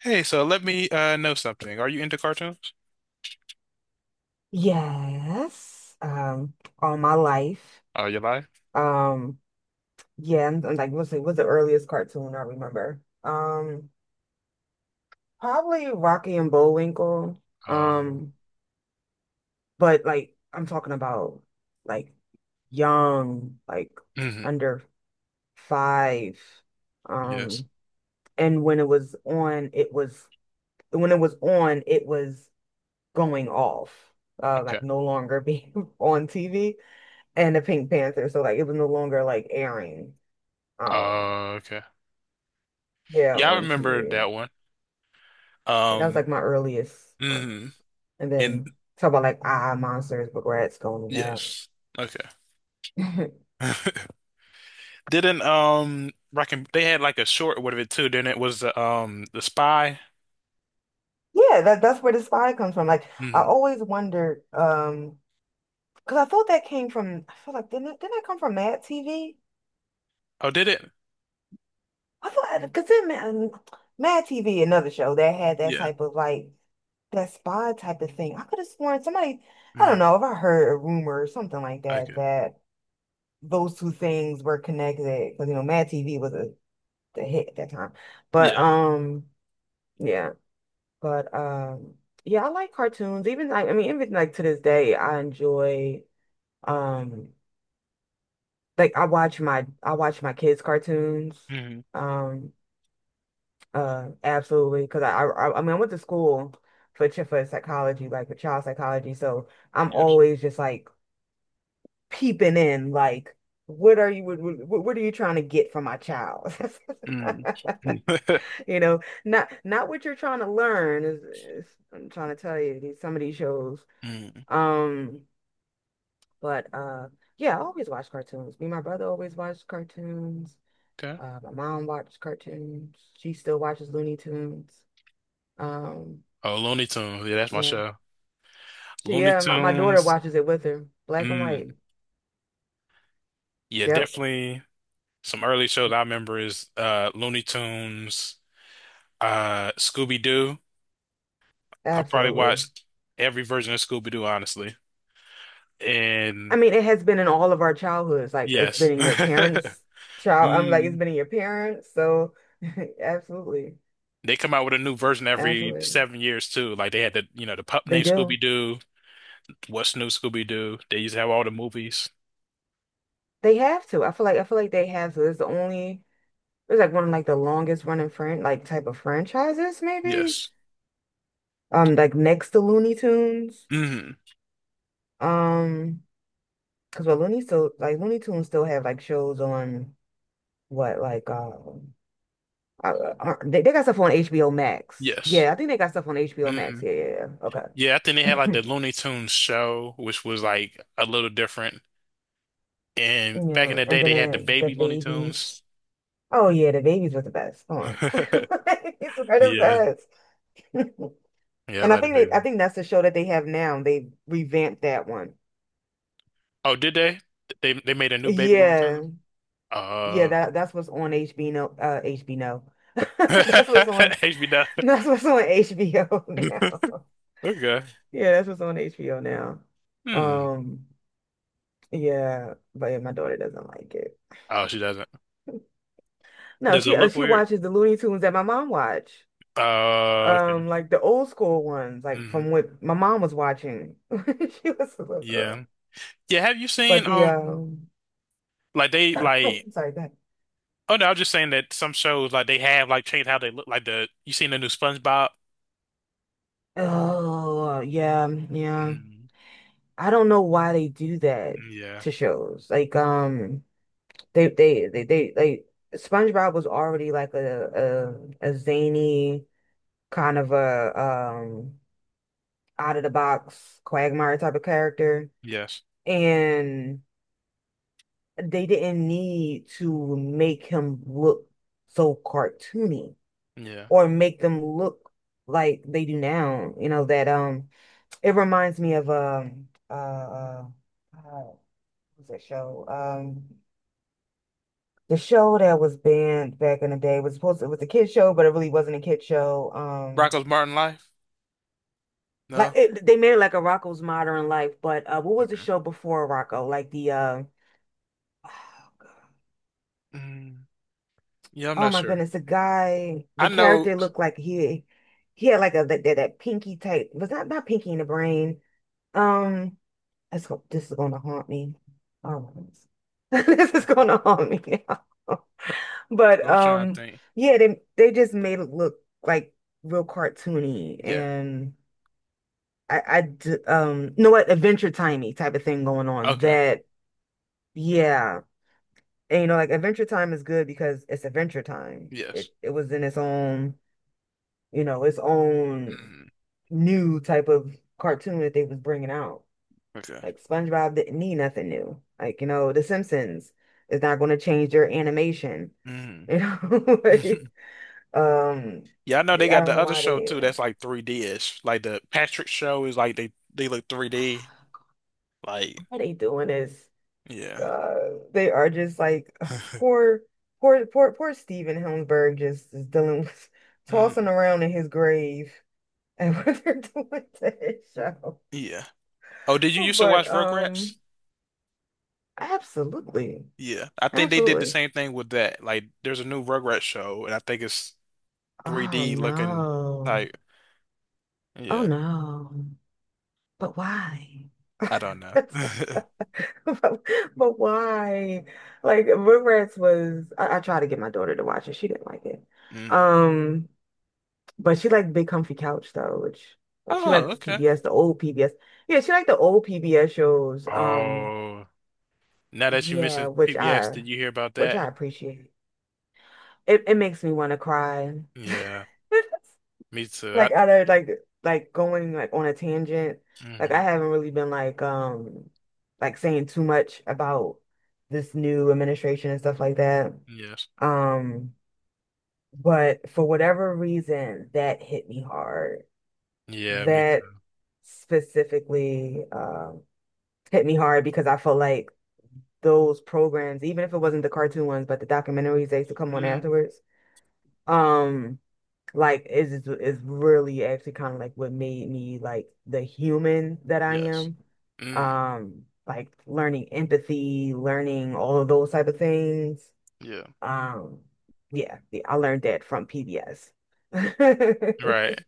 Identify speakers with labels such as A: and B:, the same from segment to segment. A: Hey, so let me know something. Are you into cartoons?
B: Yes, all my life.
A: Oh, you lie?
B: Um, yeah, like let's see, what's the earliest cartoon I remember? Probably Rocky and Bullwinkle.
A: Um,
B: Um, but like I'm talking about like young, like
A: mhm,
B: under five.
A: yes.
B: Um, and when it was on, it was going off,
A: Okay.
B: like no longer being on TV. And the Pink Panther. So like it was no longer like airing. Um,
A: Okay.
B: yeah,
A: Yeah, I
B: on
A: remember
B: TV.
A: that one.
B: That was
A: Um,
B: like my earliest
A: mhm,
B: ones. And
A: and
B: then talk about like ah monsters, but rats going to
A: yes. Okay.
B: that.
A: Didn't Rockin' they had like a short with it too, didn't it? Was the the spy?
B: Yeah, that's where the spy comes from. Like I
A: Hmm.
B: always wondered, because I thought that came from. I feel like didn't that come from Mad TV?
A: Oh, did it?
B: I thought because then Mad TV, another show that had that
A: Yeah.
B: type of like that spy type of thing. I could have sworn somebody. I don't
A: Hmm.
B: know if I heard a rumor or something like
A: Okay.
B: that that those two things were connected because you know Mad TV was a the hit at that time. But
A: Yeah.
B: Yeah, but yeah, I like cartoons. Even like I mean, even like to this day, I enjoy um like I watch my kids' cartoons.
A: Hmm.
B: Um Absolutely because I mean I went to school for psychology, like for child psychology, so I'm
A: Yes.
B: always just like peeping in like what are you trying to get from my child?
A: Hmm.
B: You know, not what you're trying to learn is I'm trying to tell you these some of these shows.
A: Mm.
B: Um, but Yeah, I always watch cartoons. Me and my brother always watched cartoons.
A: Okay.
B: My mom watched cartoons. She still watches Looney Tunes. Um,
A: Oh, Looney Tunes. Yeah, that's my
B: yeah.
A: show.
B: She
A: Looney
B: Yeah, my daughter
A: Tunes.
B: watches it with her. Black and white.
A: Mm. Yeah,
B: Yep,
A: definitely some early shows I remember is Looney Tunes, Scooby-Doo. I probably
B: absolutely.
A: watched every version of Scooby-Doo, honestly. And
B: I mean, it has been in all of our childhoods. Like it's been
A: yes.
B: in your parents' child. I'm like it's
A: Mm.
B: been in your parents, so absolutely.
A: They come out with a new version every
B: Absolutely.
A: 7 years too. Like they had the pup
B: They
A: named
B: do.
A: Scooby-Doo, What's New Scooby-Doo. They used to have all the movies.
B: They have to. I feel like they have to. It's the only It's like one of like the longest running friend like type of franchises maybe.
A: Yes.
B: Like next to Looney Tunes.
A: Hmm.
B: Um because well Looney Tunes still have like shows on what like they got stuff on HBO Max.
A: Yes.
B: Yeah, I think they got stuff on HBO Max.
A: Hmm.
B: Yeah, yeah,
A: Yeah, I think they
B: yeah.
A: had like the
B: Okay.
A: Looney Tunes show, which was like a little different. And back in
B: Yeah,
A: the
B: and
A: day,
B: then
A: they had the
B: the
A: baby Looney
B: babies.
A: Tunes.
B: Oh yeah, the babies were the best. Come on. Babies were the
A: Yeah,
B: best.
A: yeah, I
B: And I
A: like the
B: think they,
A: baby.
B: I think that's the show that they have now. They revamped that one.
A: Oh, did they? They made a new baby Looney
B: Yeah,
A: Tunes?
B: yeah.
A: Uh,
B: That's what's on HBO. HBO. That's what's on.
A: HB Dove.
B: That's what's on HBO now.
A: Okay.
B: Yeah, that's what's on HBO now.
A: Hmm.
B: Um, yeah, but yeah, my daughter doesn't like it.
A: Oh, she doesn't.
B: No,
A: Does it look
B: she
A: weird?
B: watches the Looney Tunes that my mom watched.
A: Okay.
B: Like the old school ones, like
A: Hmm.
B: from what my mom was watching. She was a little girl.
A: Yeah. Yeah. Have you
B: But
A: seen
B: the
A: like they like?
B: Sorry, go ahead.
A: Oh no, I was just saying that some shows like they have like changed how they look. Like the you seen the new SpongeBob?
B: Oh, yeah, yeah.
A: Mm.
B: I don't know why they do that
A: Yeah.
B: to shows. Like, they like SpongeBob was already like a zany kind of a out of the box Quagmire type of character,
A: Yes.
B: and they didn't need to make him look so cartoony
A: Yeah.
B: or make them look like they do now. You know that. It reminds me of what was that show? The show that was banned back in the day was supposed to, it was a kid show, but it really wasn't a kid show.
A: Rocko's Modern Life?
B: Like
A: No.
B: they made it like a Rocco's Modern Life, but what was the show before Rocco? Like the uh
A: Mm, yeah, I'm
B: Oh
A: not
B: my
A: sure.
B: goodness, the guy,
A: I
B: the
A: know.
B: character looked like he had like a that pinky type was not pinky in the brain. Um this is gonna haunt me. Oh my goodness. This is
A: Okay.
B: gonna haunt me now.
A: So
B: But
A: I'm trying to think.
B: Yeah, they just made it look like real cartoony
A: Yeah.
B: and you know what Adventure Timey type of thing going on
A: Okay.
B: that yeah. And you know like Adventure Time is good because it's Adventure Time.
A: Yes.
B: It was in its own, its own
A: Mm,
B: new type of cartoon that they was bringing out.
A: okay.
B: Like SpongeBob didn't need nothing new. Like, The Simpsons is not going to change their animation.
A: Mm.
B: You know, like, um,
A: Yeah, I know they
B: I
A: got
B: don't
A: the
B: know
A: other
B: why
A: show
B: they
A: too. That's like 3D-ish. Like the Patrick show is like they look 3D. Like
B: why they doing this.
A: yeah.
B: They are just like ugh, poor, poor, poor, poor Steven Hillenburg just is dealing with
A: Mm,
B: tossing around in his grave and what they're doing to his show.
A: yeah. Oh, did you
B: Oh,
A: used to
B: but
A: watch Rugrats?
B: absolutely,
A: Yeah. I think they did the
B: absolutely.
A: same thing with that. Like there's a new Rugrats show and I think it's
B: Oh
A: 3D looking
B: no.
A: type.
B: Oh
A: Yeah.
B: no. But why?
A: I don't know.
B: But, but why? Like Rugrats was I tried to get my daughter to watch it. She didn't like it.
A: Mm.
B: Um, but she liked Big Comfy Couch though, which like she
A: Oh,
B: liked the
A: okay.
B: PBS, the old PBS. Yeah, she liked the old PBS shows.
A: Oh, now that you
B: Yeah,
A: mentioned PBS, did you hear about
B: which
A: that?
B: I appreciate. It makes me want to cry.
A: Yeah, me too.
B: Like other like going like on a tangent, like I
A: Hmm.
B: haven't really been like saying too much about this new administration and stuff like that
A: Yes.
B: um but for whatever reason that hit me hard,
A: Yeah, me
B: that
A: too.
B: specifically hit me hard because I felt like those programs, even if it wasn't the cartoon ones but the documentaries that used to come on
A: Mm.
B: afterwards, um like is really actually kind of like what made me like the human that I
A: Yes.
B: am.
A: Mm.
B: Like learning empathy, learning all of those type of things.
A: Yeah.
B: Um, yeah, yeah, I learned that from PBS.
A: Right.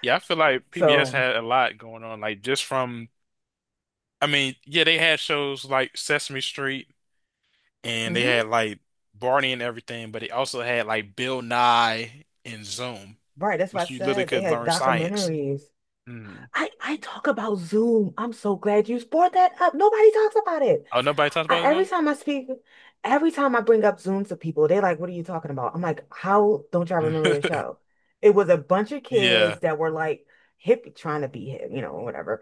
A: Yeah, I feel like PBS
B: So,
A: had a lot going on. Like just from, I mean, yeah, they had shows like Sesame Street and they
B: mhm.
A: had like Barney and everything, but they also had like Bill Nye and Zoom,
B: Right, that's why I
A: which you literally
B: said they
A: could
B: had
A: learn science.
B: documentaries.
A: Mm.
B: I talk about Zoom. I'm so glad you brought that up. Nobody talks about it.
A: Oh, nobody talks about
B: Every
A: Zoom?
B: time I speak, every time I bring up Zoom to people, they're like, "What are you talking about?" I'm like, "How don't y'all remember this show?" It was a bunch of
A: Yeah.
B: kids that were like hip, trying to be hip, whatever.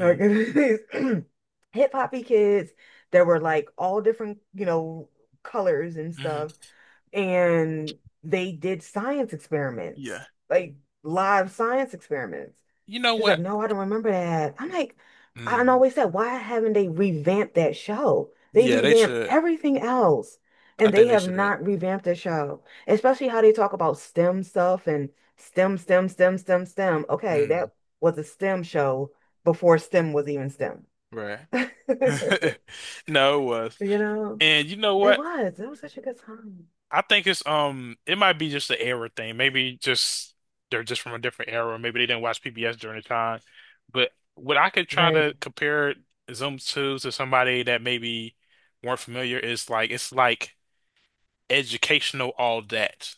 B: Like, these hip hoppy kids that were like all different, colors and
A: Hmm.
B: stuff, and they did science experiments,
A: Yeah.
B: like live science experiments.
A: You know
B: She's
A: what?
B: like, no, I don't remember that. I'm like, I
A: Mm.
B: always said, why haven't they revamped that show? They
A: Yeah, they
B: revamped
A: should.
B: everything else,
A: I
B: and they
A: think they
B: have
A: should.
B: not revamped the show, especially how they talk about STEM stuff and STEM, STEM, STEM, STEM, STEM. Okay,
A: Mm.
B: that was a STEM show before STEM was even STEM.
A: Right. No, it was.
B: You know,
A: And you know
B: it
A: what?
B: was. It was such a good time.
A: I think it's it might be just the era thing. Maybe just they're just from a different era, or maybe they didn't watch PBS during the time. But what I could try
B: Right.
A: to compare Zoom to somebody that maybe weren't familiar is like it's like educational all that,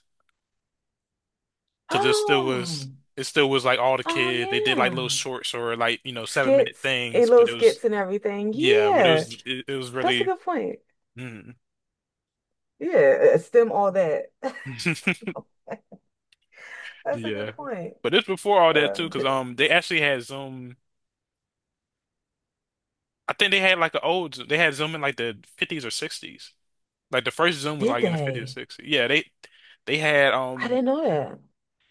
A: because it still was
B: Oh.
A: it still was like all the
B: Oh
A: kid they did like little
B: yeah.
A: shorts or like 7 minute
B: Skits and
A: things, but
B: little
A: it was
B: skits and everything.
A: yeah, but it
B: Yeah.
A: was it was
B: That's a
A: really.
B: good point.
A: Mm.
B: Yeah. Stem all that. Stem all- That's a
A: Yeah,
B: good point.
A: but it's before all that too
B: Um,
A: because
B: th-
A: they actually had Zoom. I think they had like they had Zoom in like the 50s or 60s, like the first Zoom was
B: did
A: like in the 50s or
B: they?
A: 60s, yeah they had
B: I didn't know that.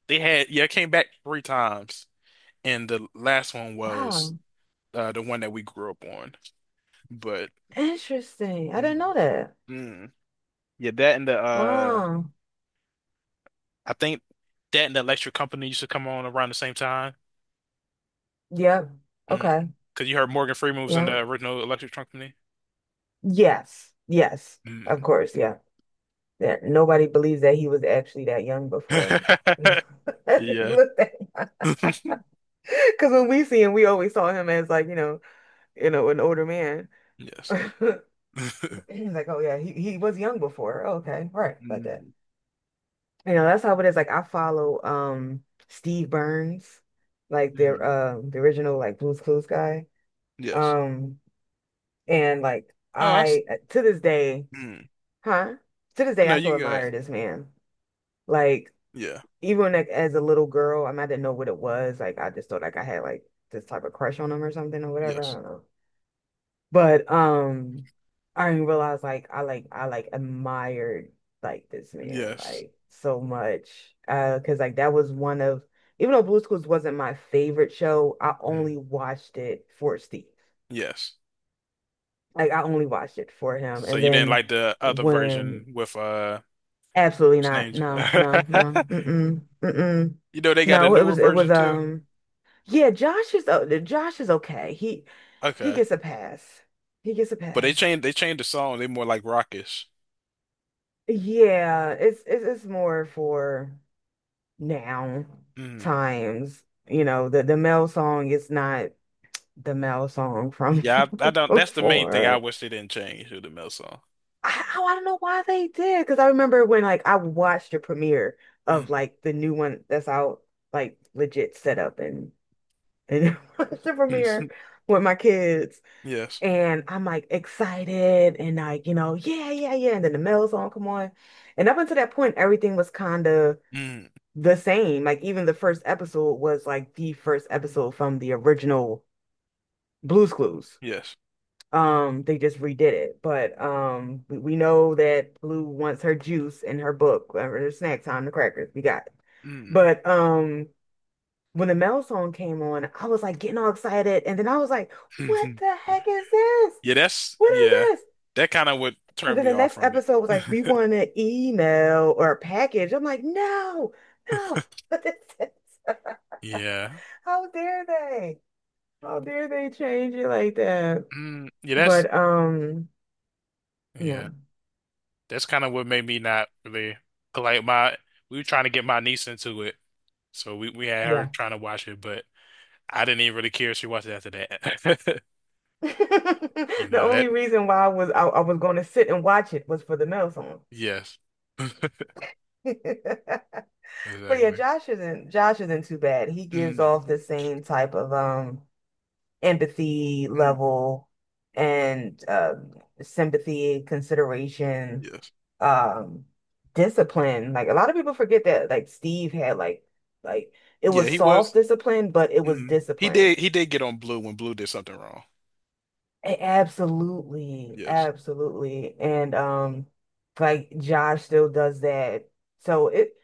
A: yeah, it came back three times, and the last one was
B: Wow.
A: the one that we grew up on, but
B: Interesting. I didn't
A: mm,
B: know that.
A: mm. Yeah, that and the
B: Wow.
A: I think that and the Electric Company used to come on around the same time.
B: Yep.
A: Mm.
B: Okay.
A: Cause you heard Morgan Freeman was in
B: Yeah.
A: the original Electric Company.
B: Yes. Yes. Of
A: Mm.
B: course. Yeah. Yeah. Nobody believes that he was actually that young before. He
A: Yeah.
B: looked that young. Because when we see him, we always saw him as like, you know, an older man.
A: Yes.
B: He's like, oh yeah, he was young before. Okay, right, about that.
A: Mm.
B: You know, that's how it is. Like I follow Steve Burns, like the
A: Mhm.
B: um the original like Blue's Clues guy.
A: Yes.
B: Um and like
A: Oh, that's.
B: I to this day,
A: Mm.
B: huh? To this day
A: No,
B: I
A: you
B: still
A: can go
B: admire
A: ahead.
B: this man. Like
A: Yeah.
B: even like as a little girl, I mean I didn't know what it was. Like I just thought like I had like this type of crush on him or something or whatever. I
A: Yes.
B: don't know. But I didn't realize like I like I like admired like this man
A: Yes.
B: like so much. 'Cause like that was one of even though Blue's Clues wasn't my favorite show, I only
A: Mm.
B: watched it for Steve.
A: Yes.
B: Like I only watched it for him.
A: So
B: And
A: you didn't
B: then
A: like the other version
B: when
A: with
B: absolutely
A: what's
B: not.
A: his
B: No, no,
A: name?
B: no. Mm-mm. Mm-mm.
A: You know they got a
B: No,
A: newer
B: it was
A: version too?
B: yeah, Josh is okay. He
A: Okay.
B: gets a pass. He gets a
A: But they
B: pass.
A: changed they changed the song. They more like rockish.
B: Yeah, it's more for now
A: Mm.
B: times. You know, the male song is not the male song from
A: Yeah, I don't. That's the main thing I
B: before.
A: wish they didn't change with the Mel song.
B: Oh, I don't know why they did because I remember when like I watched the premiere of
A: Mm.
B: like the new one that's out, like legit set up and watched the premiere with my kids,
A: Yes.
B: and I'm like excited and like yeah yeah yeah, and then the male song come on, and up until that point everything was kind of
A: Mm.
B: the same. Like even the first episode was like the first episode from the original Blue's Clues.
A: Yes.
B: They just redid it, but we know that Blue wants her juice and her book or her snack time, the crackers. We got it.
A: Mm.
B: But when the Mel song came on, I was like getting all excited, and then I was like, "What the heck is this?
A: Yeah, that's
B: What is
A: yeah.
B: this?"
A: That kind of would
B: And
A: turn
B: then
A: me
B: the
A: off
B: next
A: from it.
B: episode was like, "We want an email or a package." I'm like, "No, no, what is this?
A: Yeah.
B: How dare they?" How dare they change it like that?
A: Mm.
B: But yeah,
A: Yeah. That's kind of what made me not really like my. We were trying to get my niece into it, so we had her
B: yeah.
A: trying to watch it, but I didn't even really care if she watched it after that. You
B: The
A: know that?
B: only reason why I was going to sit and watch it was for the male song.
A: Yes.
B: But yeah,
A: Exactly.
B: Josh isn't too bad. He gives
A: Mm,
B: off the same type of empathy
A: mm,
B: level and sympathy, consideration,
A: yes.
B: um discipline. Like a lot of people forget that like Steve had like it
A: Yeah,
B: was
A: he
B: soft
A: was.
B: discipline, but it was
A: Mm, he
B: discipline.
A: did. He did get on Blue when Blue did something wrong.
B: Absolutely,
A: Yes.
B: absolutely. And like Josh still does that. So it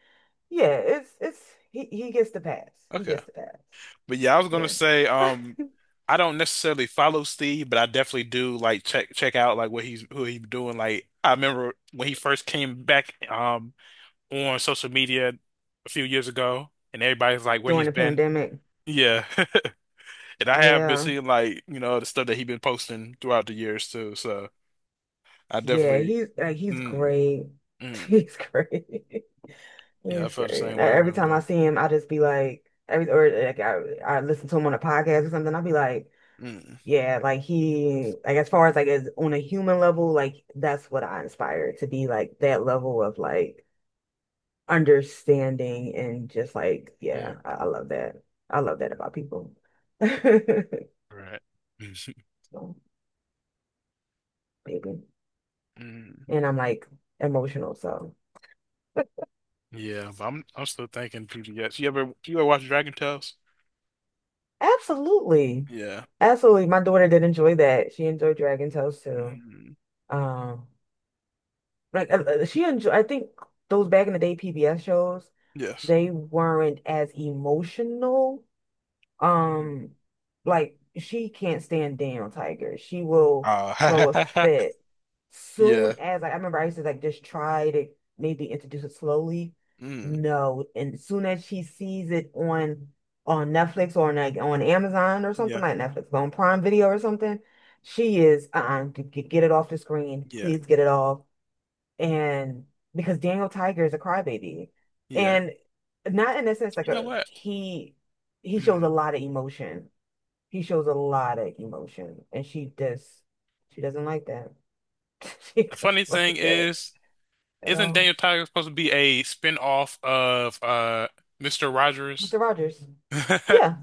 B: yeah, it's he gets the pass. He
A: Okay.
B: gets the pass.
A: But yeah, I was gonna
B: Yeah.
A: say, I don't necessarily follow Steve, but I definitely do like check out like what he's who he's doing. Like I remember when he first came back on social media a few years ago and everybody's like where
B: During
A: he's
B: the
A: been.
B: pandemic.
A: Yeah. And I have been
B: Yeah.
A: seeing like, the stuff that he's been posting throughout the years too. So I
B: Yeah,
A: definitely.
B: he's
A: Mm,
B: great.
A: mm.
B: He's great.
A: Yeah, I
B: He's
A: felt the
B: great.
A: same
B: And
A: way with
B: every
A: him
B: time
A: though.
B: I see him, I just be like every or like I listen to him on a podcast or something, I'll be like,
A: Mm.
B: yeah, like he, like as far as like as on a human level, like that's what I aspire to be, like that level of like understanding and just like,
A: Mm.
B: yeah, I love that. I love that about people.
A: Right.
B: So, maybe.
A: Mm.
B: And I'm like emotional, so
A: Yeah, but I'm still thinking PBS. You ever watch Dragon Tales?
B: absolutely.
A: Yeah.
B: Absolutely. My daughter did enjoy that. She enjoyed Dragon Tales too.
A: Mm.
B: Um, like she enjoy I think those back in the day PBS shows,
A: Yes.
B: they weren't as emotional.
A: Mm.
B: Um, like she can't stand down, Tiger. She will throw a
A: Uh,
B: fit soon
A: yeah.
B: as like I remember I used to like just try to maybe introduce it slowly.
A: Mm.
B: No, and as soon as she sees it on Netflix or on like on Amazon or something
A: Yeah.
B: like Netflix, but on Prime Video or something, she is uh-uh, get it off the screen.
A: Yeah.
B: Please get it off, and because Daniel Tiger is a crybaby,
A: Yeah.
B: and not in a sense like
A: You know
B: a
A: what?
B: he shows a
A: Mm.
B: lot of emotion. He shows a lot of emotion, and she just she doesn't like that. She
A: The funny
B: doesn't
A: thing
B: like that
A: is,
B: at
A: isn't
B: all.
A: Daniel Tiger supposed to be a spin-off of Mr. Rogers?
B: Mr. Rogers, yeah,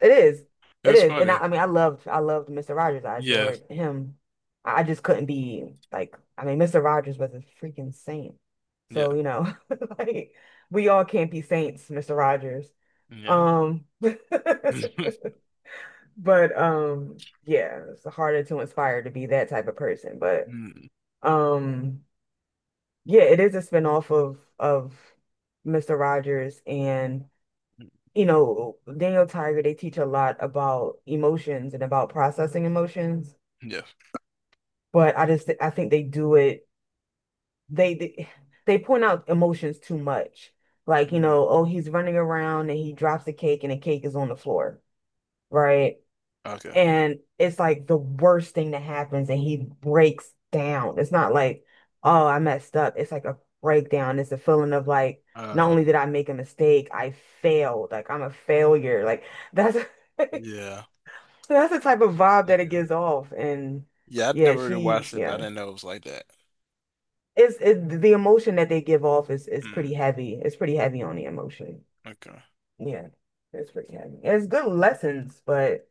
B: it is, it
A: It's
B: is, and I,
A: funny.
B: I mean I loved Mr. Rogers. I
A: Yeah.
B: adored him. I just couldn't be like I mean Mr. Rogers was a freaking saint.
A: Yeah.
B: So, you know, like we all can't be saints, Mr. Rogers.
A: Yeah.
B: Um, but yeah, it's harder to inspire to be that type of person. But
A: Mm.
B: um, yeah, it is a spinoff of Mr. Rogers and you know Daniel Tiger. They teach a lot about emotions and about processing emotions.
A: Yes.
B: But I think they do it. They they, they point out emotions too much. Like, you
A: Mm.
B: know, oh, he's running around and he drops the cake and the cake is on the floor, right?
A: Okay.
B: And it's like the worst thing that happens and he breaks down. It's not like, oh, I messed up. It's like a breakdown. It's a feeling of like, not
A: Uh,
B: only did I make a mistake, I failed. Like I'm a failure. Like that's
A: yeah.
B: that's the type of vibe that it
A: Okay.
B: gives off. And
A: Yeah, I'd
B: yeah,
A: never really
B: she
A: watched it, but I
B: yeah.
A: didn't know it was like that.
B: The emotion that they give off is
A: Mm,
B: pretty heavy. It's pretty heavy on the emotion.
A: okay.
B: Yeah. It's pretty heavy. It's good lessons, but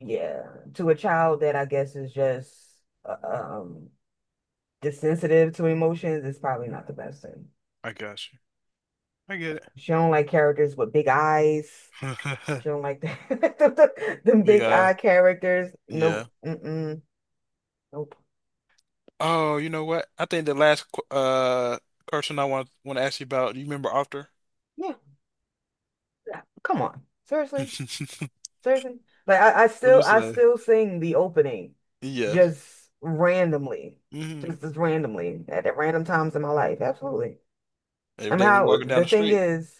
B: yeah, to a child that I guess is just uh, um desensitive to emotions, it's probably not the best thing.
A: I got you. I get it.
B: She don't like characters with big eyes. She don't like them
A: Big
B: big
A: eye.
B: eye characters. Nope.
A: Yeah.
B: Mm-mm. Nope.
A: Oh, you know what? I think the last question I want to ask you about. Do you remember After?
B: Yeah. Yeah. Come on. Seriously. Seriously. Like I, I
A: What
B: still
A: is
B: I
A: say?
B: still sing the opening
A: Yes.
B: just randomly.
A: Mm-hmm.
B: Just as randomly at random times in my life. Absolutely.
A: Every
B: I mean
A: day when you're
B: how
A: walking down
B: the
A: the
B: thing
A: street.
B: is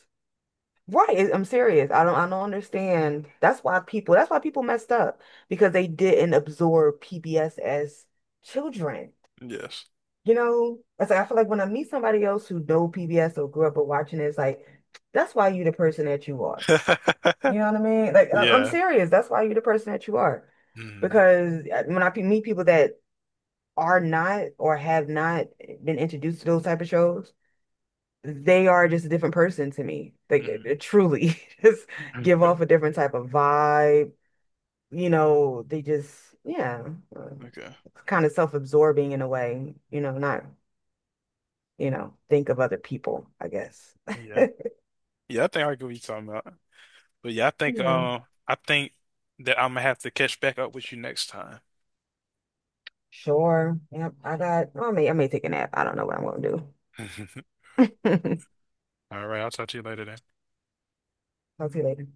B: right. I'm serious. I don't understand. That's why people messed up because they didn't absorb PBS as children.
A: Yes.
B: You know, it's like I feel like when I meet somebody else who know PBS or grew up with watching it, it's like that's why you the person that you are. You know what I mean? Like I'm
A: Yeah.
B: serious. That's why you the person that you are.
A: Mm-hmm.
B: Because when I meet people that are not or have not been introduced to those type of shows, they are just a different person to me.
A: Mm-hmm.
B: They truly just give off a different type of vibe. You know, they just, yeah, uh,
A: Okay.
B: it's kind of self-absorbing in a way, you know, not, you know, think of other people, I guess.
A: Yeah. Yeah, I think I could be talking about. But yeah, I think
B: Yeah,
A: I think that I'm gonna have to catch back up with you next time.
B: sure. Yep, I may take a nap. I don't know what I'm gonna do.
A: All right, I'll talk to you later then.
B: Talk to you later.